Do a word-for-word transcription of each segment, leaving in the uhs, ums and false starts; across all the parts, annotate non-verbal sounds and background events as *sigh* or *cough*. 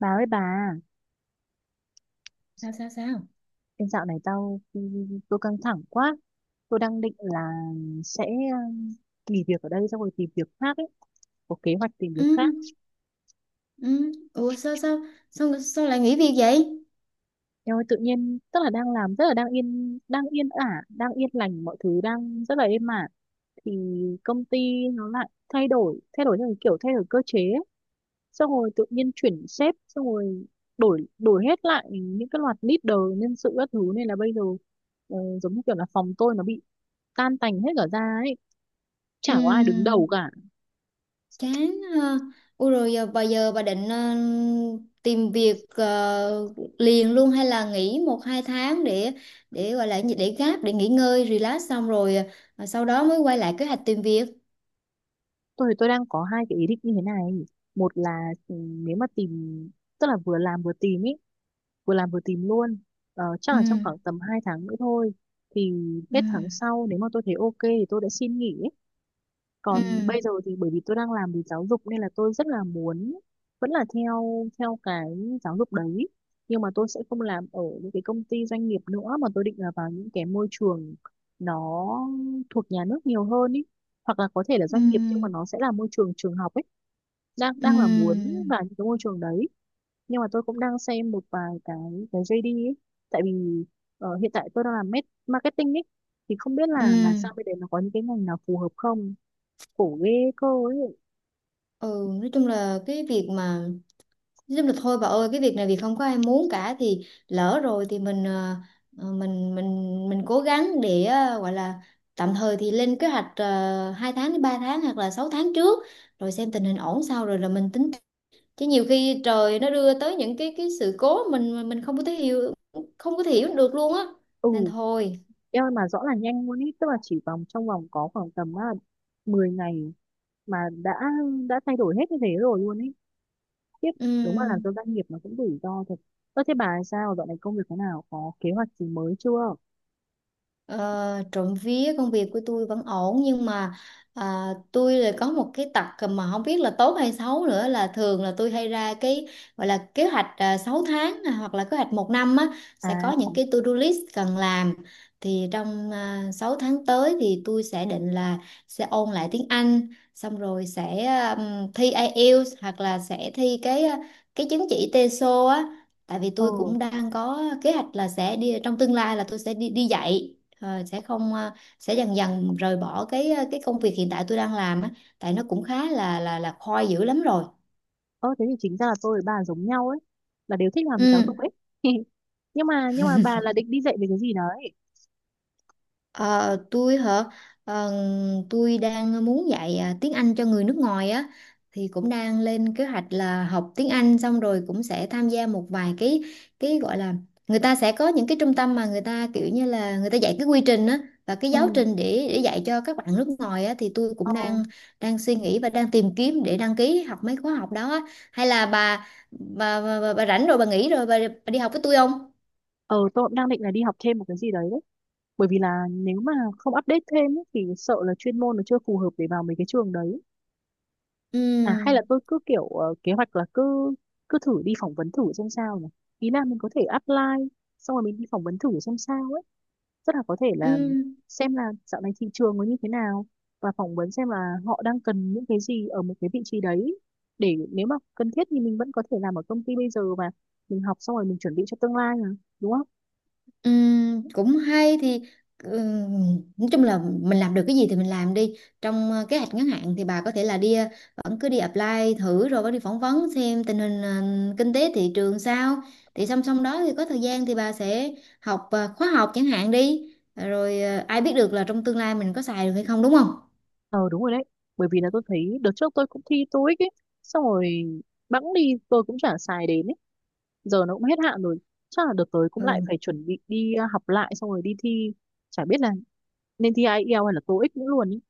Bà ơi bà, Sao sao sao em dạo này tao tôi căng thẳng quá. Tôi đang định là sẽ um, nghỉ việc ở đây xong rồi tìm việc khác ấy, có kế hoạch tìm việc Ừ, khác. ừ, ủa sao sao sao sao lại nghỉ việc vậy? Em ơi tự nhiên tức là đang làm rất là đang yên đang yên ả, đang yên lành mọi thứ đang rất là êm ả thì công ty nó lại thay đổi, thay đổi theo cái kiểu thay đổi cơ chế ấy. Xong rồi tự nhiên chuyển sếp xong rồi đổi đổi hết lại những cái loạt leader nhân sự các thứ nên là bây giờ ờ, giống như kiểu là phòng tôi nó bị tan tành hết cả ra ấy, chả Ừ, có ai đứng đầu cả. chán ha. Ủa rồi giờ bà giờ bà định ờ, tìm việc, ờ, liền luôn hay là nghỉ một hai tháng để để gọi là gì, để gáp để nghỉ ngơi relax xong rồi, ờ, sau đó mới quay lại kế hoạch tìm việc. Tôi tôi đang có hai cái ý định như thế này. Một là, ừ, nếu mà tìm tức là vừa làm vừa tìm ý vừa làm vừa tìm luôn. Ờ, chắc Ừ. là trong khoảng tầm hai tháng nữa thôi thì Ừ. hết tháng sau nếu mà tôi thấy ok thì tôi đã xin nghỉ ý. Ừ. Còn bây giờ thì bởi vì tôi đang làm về giáo dục nên là tôi rất là muốn vẫn là theo theo cái giáo dục đấy, nhưng mà tôi sẽ không làm ở những cái công ty doanh nghiệp nữa mà tôi định là vào những cái môi trường nó thuộc nhà nước nhiều hơn ý, hoặc là có thể là Ừ. doanh nghiệp nhưng mà nó sẽ là môi trường trường học ấy. Đang đang là muốn Ừ. vào những cái môi trường đấy. Nhưng mà tôi cũng đang xem một vài cái cái gi đê ấy, tại vì ờ, hiện tại tôi đang làm met- marketing ấy, thì không biết là Ừ. là sang bên đấy nó có những cái ngành nào phù hợp không. Khổ ghê cô ấy. Ừ. nói chung là cái việc mà Nói chung là thôi bà ơi, cái việc này vì không có ai muốn cả thì lỡ rồi thì mình, ờ, ờ, mình mình mình cố gắng để, ờ, gọi là tạm thời thì lên kế hoạch, uh, hai tháng đến ba tháng hoặc là sáu tháng trước, rồi xem tình hình ổn sau rồi là mình tính. Chứ nhiều khi trời nó đưa tới những cái cái sự cố mình mình không có thể hiểu không có thể hiểu được luôn á, Ừ, nên thôi. em ơi mà rõ là nhanh luôn ấy, tức là chỉ vòng trong vòng có khoảng tầm à, mười ngày mà đã đã thay đổi hết như thế rồi luôn ấy, tiếp. Đúng là làm Ừ. cho doanh nghiệp nó cũng rủi ro thật. Ơ thế bà sao dạo này công việc thế nào, có kế hoạch gì mới chưa? Ờ, trộm vía công việc của tôi vẫn ổn, nhưng mà à, tôi là có một cái tật mà không biết là tốt hay xấu nữa, là thường là tôi hay ra cái gọi là kế hoạch à, sáu tháng, à, hoặc là kế hoạch một năm á, sẽ có À, những cái to-do list cần làm. Thì trong à, sáu tháng tới thì tôi sẽ định là sẽ ôn lại tiếng Anh, xong rồi sẽ à, ừm, thi ai eo, hoặc là sẽ thi cái à, cái chứng chỉ tê sô á, tại vì ờ, tôi cũng đang có kế hoạch là sẽ đi, trong tương lai là tôi sẽ đi đi dạy. Ờ, sẽ không, ờ, sẽ dần dần rời bỏ cái, ờ, cái công việc hiện tại tôi đang làm á, tại nó cũng khá là là là khoi dữ lắm rồi. ờ thế thì chính ra là tôi với bà giống nhau ấy, là đều thích làm giáo dục Ừ. ấy. *laughs* nhưng mà nhưng mà bà là định đi dạy về cái gì đấy? Ờ, tôi hả? Ờ, tôi đang muốn dạy, à, tiếng Anh cho người nước ngoài á, thì cũng đang lên kế hoạch là học tiếng Anh xong rồi cũng sẽ tham gia một vài cái, cái gọi là, người ta sẽ có những cái trung tâm mà người ta kiểu như là người ta dạy cái quy trình á, và cái giáo Ừ, trình để để dạy cho các bạn nước ngoài á, thì tôi ờ, cũng đang đang suy nghĩ và đang tìm kiếm để đăng ký học mấy khóa học đó á. Hay là bà bà, bà, bà, bà rảnh rồi bà nghỉ rồi bà, bà đi học với tôi không? ờ tôi cũng đang định là đi học thêm một cái gì đấy, bởi vì là nếu mà không update thêm ấy, thì sợ là chuyên môn nó chưa phù hợp để vào mấy cái trường đấy. À hay là Ừ. tôi cứ kiểu ờ, kế hoạch là cứ cứ thử đi phỏng vấn thử xem sao nhỉ, ý là mình có thể apply xong rồi mình đi phỏng vấn thử xem sao ấy, rất là có thể là Ừ. xem là dạo này thị trường nó như thế nào, và phỏng vấn xem là họ đang cần những cái gì ở một cái vị trí đấy, để nếu mà cần thiết thì mình vẫn có thể làm ở công ty bây giờ và mình học xong rồi mình chuẩn bị cho tương lai mà, đúng không? Ừm, cũng hay thì, ừm, nói chung là mình làm được cái gì thì mình làm đi. Trong, ờ, kế hoạch ngắn hạn thì bà có thể là đi ờ, vẫn cứ đi apply thử rồi vẫn đi phỏng vấn xem tình hình, ờ, kinh tế thị trường sao. Thì song song đó thì có thời gian thì bà sẽ học, ờ, khóa học chẳng hạn đi. Rồi ờ, ai biết được là trong tương lai mình có xài được hay không, đúng không? Ờ đúng rồi đấy. Bởi vì là tôi thấy đợt trước tôi cũng thi tô ích ấy. Xong rồi bẵng đi tôi cũng chả xài đến ấy. Giờ nó cũng hết hạn rồi. Chắc là đợt tới cũng lại Ừ. phải chuẩn bị đi à, học lại. Xong rồi đi thi. Chả biết là nên thi ai eo hay là tô ích nữa luôn ấy.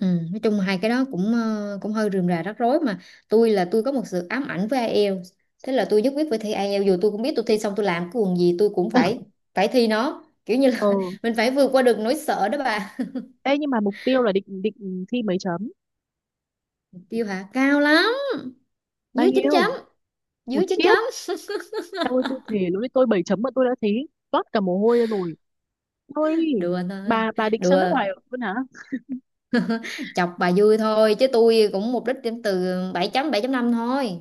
Ừ, nói chung hai cái đó cũng, ờ, cũng hơi rườm rà rắc rối. Mà tôi là tôi có một sự ám ảnh với ai eo, thế là tôi nhất quyết phải thi ai eo, dù tôi cũng biết tôi thi xong tôi làm cái quần gì tôi cũng phải phải thi nó, kiểu như Ờ. là *laughs* mình phải vượt qua được nỗi sợ đó bà. Ê nhưng mà mục tiêu là định định thi mấy chấm? Tiêu hả? Cao lắm. Bao Dưới chín chấm. nhiêu? Ủa Dưới chín khiếp. chấm. Em ơi tôi thề lúc đấy tôi bảy chấm mà tôi đã thấy toát cả mồ hôi ra rồi. Ôi. *laughs* Đùa thôi. Bà bà định sang Đùa nước ngoài luôn hả? chọc bà vui thôi, chứ tôi cũng mục đích điểm từ bảy chấm, bảy chấm năm thôi.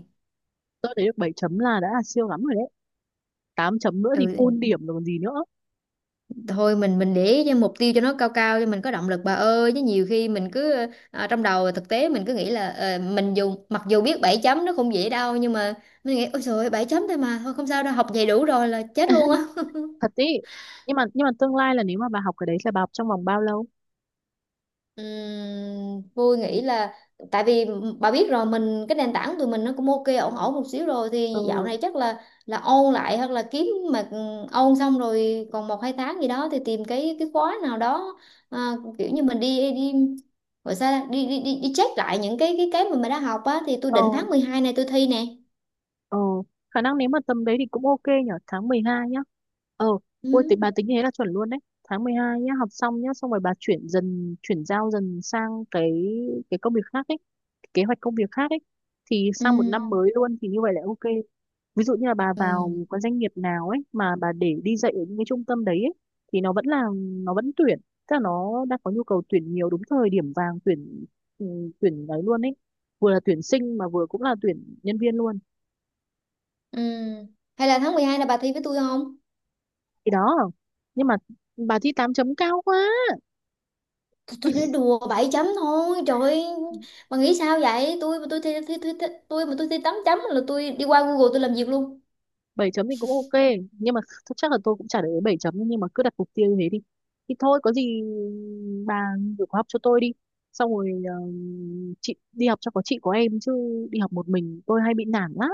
Tôi thấy được bảy chấm là đã là siêu lắm rồi đấy, tám chấm nữa thì Ừ, full điểm rồi còn gì nữa. thôi mình mình để ý cho mục tiêu cho nó cao cao cho mình có động lực bà ơi, chứ nhiều khi mình cứ, ờ, trong đầu thực tế mình cứ nghĩ là, ờ, mình dù mặc dù biết bảy chấm nó không dễ đâu, nhưng mà mình nghĩ ôi trời ơi, bảy chấm thôi mà, thôi không sao đâu học vậy đủ rồi là chết luôn á. Thật ý. Nhưng mà nhưng mà tương lai là nếu mà bà học cái đấy là bà học trong vòng bao lâu? Ừm, Vui nghĩ là, tại vì bà biết rồi, mình cái nền tảng tụi mình nó cũng ok ổn ổn một xíu rồi, thì dạo Ừ, này chắc là là ôn lại hoặc là kiếm, mà ôn xong rồi còn một hai tháng gì đó thì tìm cái cái khóa nào đó, à, kiểu như mình đi đi gọi sao ta? đi đi đi, đi check lại những cái cái cái mà mình đã học á, thì tôi ờ, định tháng mười hai này tôi thi nè. ờ khả năng nếu mà tầm đấy thì cũng ok nhở, tháng mười hai nhá. Ờ. Ôi thì Ừ. bà tính thế là chuẩn luôn đấy, tháng mười hai nhá, học xong nhá, xong rồi bà chuyển dần chuyển giao dần sang cái cái công việc khác ấy, kế hoạch công việc khác ấy, thì Ừ. sang một năm mới luôn thì như vậy là ok. Ví dụ như là bà Ừ. vào cái doanh nghiệp nào ấy mà bà để đi dạy ở những cái trung tâm đấy ấy, thì nó vẫn là nó vẫn tuyển, tức là nó đang có nhu cầu tuyển nhiều đúng thời điểm vàng tuyển, ừ, tuyển đấy luôn ấy, vừa là tuyển sinh mà vừa cũng là tuyển nhân viên luôn. Ừ. Hay là tháng mười hai là bà thi với tôi không? Thì đó, nhưng mà bà thi tám chấm cao quá. tôi, tôi nói đùa bảy chấm thôi trời ơi, bà nghĩ sao vậy? Tôi mà tôi thi, thi, thi, thi, tôi mà tôi thi tám chấm là tôi đi qua google tôi làm việc luôn. Bảy chấm thì cũng ok nhưng mà th- chắc là tôi cũng chả để ý bảy chấm nhưng mà cứ đặt mục tiêu như thế đi. Thì thôi có gì bà gửi khóa học cho tôi đi, xong rồi ờ, chị đi học cho có chị có em chứ, đi học một mình tôi hay bị nản lắm.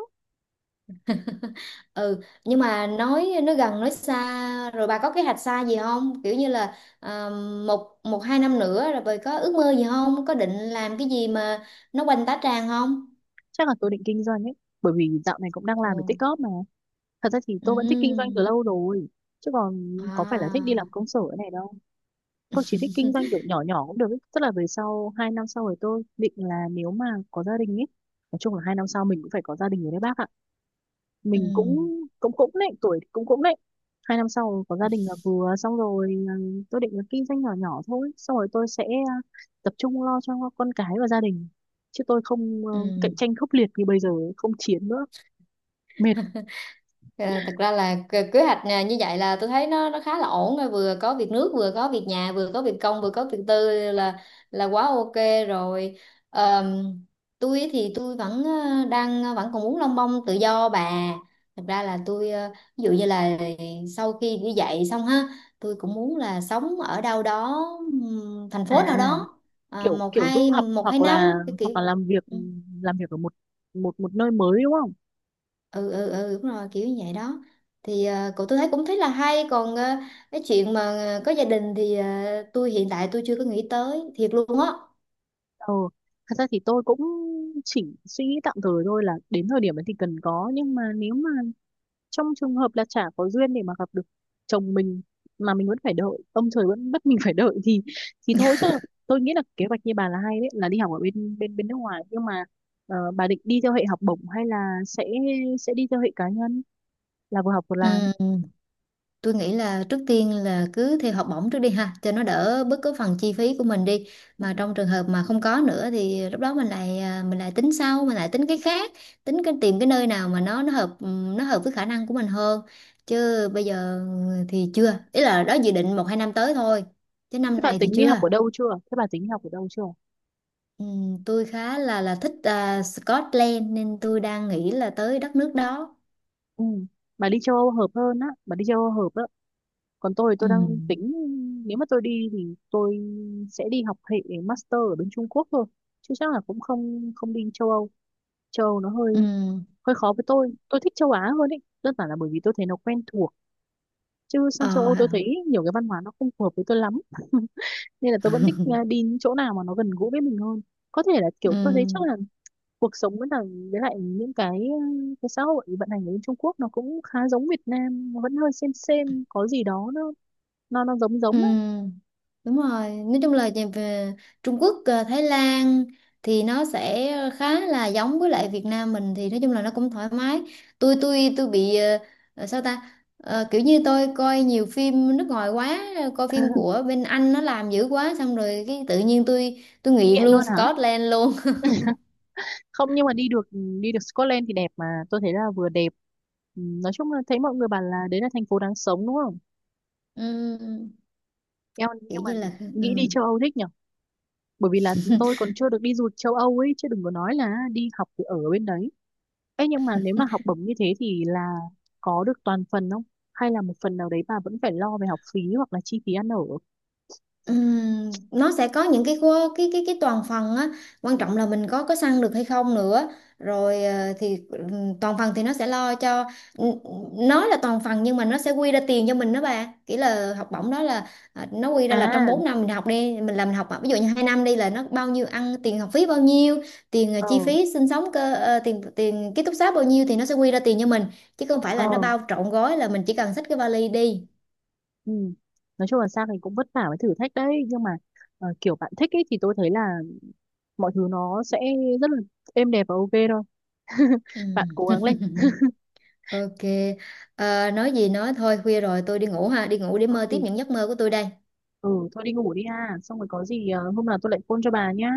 Ừ. Nhưng mà nói nói gần nói xa rồi bà có kế hoạch xa gì không, kiểu như là, à, một một hai năm nữa rồi bà có ước mơ gì không, có định làm cái gì mà nó quanh tá tràng không? Chắc là tôi định kinh doanh ấy, bởi vì dạo này cũng đang Ừ. làm để tích góp mà. Thật ra thì tôi vẫn thích kinh doanh Ừ. từ lâu rồi, chứ còn À. có phải là thích đi làm công sở này đâu. Tôi chỉ thích kinh doanh kiểu nhỏ nhỏ cũng được ấy. Tức là về sau hai năm sau rồi tôi định là nếu mà có gia đình ấy, nói chung là hai năm sau mình cũng phải có gia đình rồi đấy bác ạ, Ừ. mình cũng cũng cũng đấy, tuổi thì cũng cũng đấy, hai năm sau có gia đình là vừa xong rồi, ừ, tôi định là kinh doanh nhỏ nhỏ thôi, xong rồi tôi sẽ ờ, tập trung lo cho con cái và gia đình, chứ tôi không ờ, Ừ. cạnh tranh khốc liệt như bây giờ, không chiến nữa, mệt. *laughs* À, thật ra là kế kế hoạch nè, như vậy là tôi thấy nó nó khá là ổn rồi, vừa có việc nước vừa có việc nhà vừa có việc công vừa có việc tư là là quá ok rồi. Ờm, tôi thì tôi vẫn, ờ, đang ờ, vẫn còn muốn lông bông tự do bà. Thật ra là tôi ờ, ví dụ như là sau khi đi dạy xong ha, tôi cũng muốn là sống ở đâu đó, ừm, thành À phố nào đó, à, kiểu một kiểu du hai học một hai hoặc là năm cái kiểu. hoặc là làm việc, Ừ. làm việc ở một một một nơi mới, đúng không? Ừ, ừ, ừ, đúng rồi kiểu như vậy đó. Thì, ờ, cậu tôi thấy cũng thấy là hay, còn, ờ, cái chuyện mà, ờ, có gia đình thì, ờ, tôi hiện tại tôi chưa có nghĩ tới thiệt luôn á. Ờ thật ra thì tôi cũng chỉ suy nghĩ tạm thời thôi là đến thời điểm ấy thì cần có, nhưng mà nếu mà trong trường hợp là chả có duyên để mà gặp được chồng mình, mà mình vẫn phải đợi, ông trời vẫn bắt mình *laughs* phải đợi thì thì thôi chứ. Tôi nghĩ là kế hoạch như bà là hay đấy, là đi học ở bên bên bên nước ngoài. Nhưng mà ờ, bà định đi theo hệ học bổng hay là sẽ sẽ đi theo hệ cá nhân là vừa học vừa Ừ, làm? tôi nghĩ là trước tiên là cứ theo học bổng trước đi ha, cho nó đỡ bớt cái phần chi phí của mình đi. Ừ. Mà trong trường hợp mà không có nữa thì lúc đó mình lại à, mình lại tính sau, mình lại tính cái khác, tính cái tìm cái nơi nào mà nó nó hợp ừm, nó hợp với khả năng của mình hơn. Chứ bây giờ thì chưa, ý là đó dự định một hai năm tới thôi, chứ năm thế bà này thì tính đi chưa. Học ở đâu chưa thế bà tính đi học ở đâu chưa? Ừ, tôi khá là là thích, à, Scotland nên tôi đang nghĩ là tới đất nước đó. Ừ. Bà đi châu Âu hợp hơn á bà đi châu Âu hợp á. Còn tôi thì Ừ. tôi đang tính nếu mà tôi đi thì tôi sẽ đi học hệ master ở bên Trung Quốc thôi, chứ chắc là cũng không không đi châu Âu. Châu Âu nó hơi Ừ. hơi khó với tôi tôi thích châu Á hơn ấy, đơn giản là bởi vì tôi thấy nó quen thuộc, chứ sang châu Âu Ờ. tôi thấy nhiều cái văn hóa nó không phù hợp với tôi lắm. *laughs* Nên là tôi vẫn thích à, đi những chỗ nào mà nó gần gũi với mình hơn, có thể là kiểu Ừ. tôi thấy chắc là cuộc sống với lại với lại những cái ừ, cái xã hội vận hành ở bên Trung Quốc nó cũng khá giống Việt Nam, nó vẫn hơi xem xem có gì đó nó nó nó giống Ừ. giống á. Đúng rồi. Nói chung là về về Trung Quốc, à, Thái Lan thì nó sẽ khá là giống với lại Việt Nam mình, thì nói chung là nó cũng thoải mái. Tôi tôi tôi bị, ờ, ờ, sao ta? Ờ, kiểu như tôi coi nhiều phim nước ngoài quá, coi phim *laughs* của bên Anh nó làm dữ quá xong rồi cái tự nhiên tôi tôi nghiện Nghiện luôn luôn hả? Scotland luôn. *laughs* Không nhưng mà đi được đi được Scotland thì đẹp, mà tôi thấy là vừa đẹp. Ừ, nói chung là thấy mọi người bảo là đấy là thành phố đáng sống đúng không? Ừ, Em kiểu nhưng mà như là, ừ. nghĩ đi châu Âu thích nhở. Bởi vì là tôi *laughs* còn chưa được đi du lịch châu Âu ấy chứ đừng có nói là đi học thì ở bên đấy. Ê nhưng mà nếu mà học bổng như thế thì là có được toàn phần không? Hay là một phần nào đấy bà vẫn phải lo về học phí hoặc là chi phí ăn ở? Ừm, nó sẽ có những cái khu- cái cái cái toàn phần á, quan trọng là mình có có săn được hay không nữa. Rồi, ờ, thì, ừm, toàn phần thì nó sẽ lo cho, nó là toàn phần nhưng mà nó sẽ quy ra tiền cho mình đó bà, kiểu là học bổng đó là, à, nó quy ra là trong À, bốn năm mình học, đi mình làm mình học, à ví dụ như hai năm đi là nó bao nhiêu, ăn tiền học phí bao nhiêu tiền, ờ, ờ, chi phí sinh sống cơ, ờ, tiền tiền ký túc xá bao nhiêu thì nó sẽ quy ra tiền cho mình, chứ không phải ờ, là nó bao trọn gói là mình chỉ cần xách cái vali đi. ừ. Nói chung là sang thì cũng vất vả với thử thách đấy nhưng mà ờ, kiểu bạn thích ấy thì tôi thấy là mọi thứ nó sẽ rất là êm đẹp và ok thôi. *laughs* Bạn Ừm. cố gắng lên. *laughs* Ok, à, nói gì nói thôi khuya rồi tôi đi ngủ ha, đi ngủ để mơ Ừ, tiếp những giấc mơ của tôi đây. ừ, thôi đi ngủ đi ha. Xong rồi có gì ờ, hôm nào tôi lại phone cho bà nhá.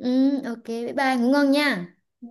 Ừ, ok, bye bye, ngủ ngon nha. Ừ.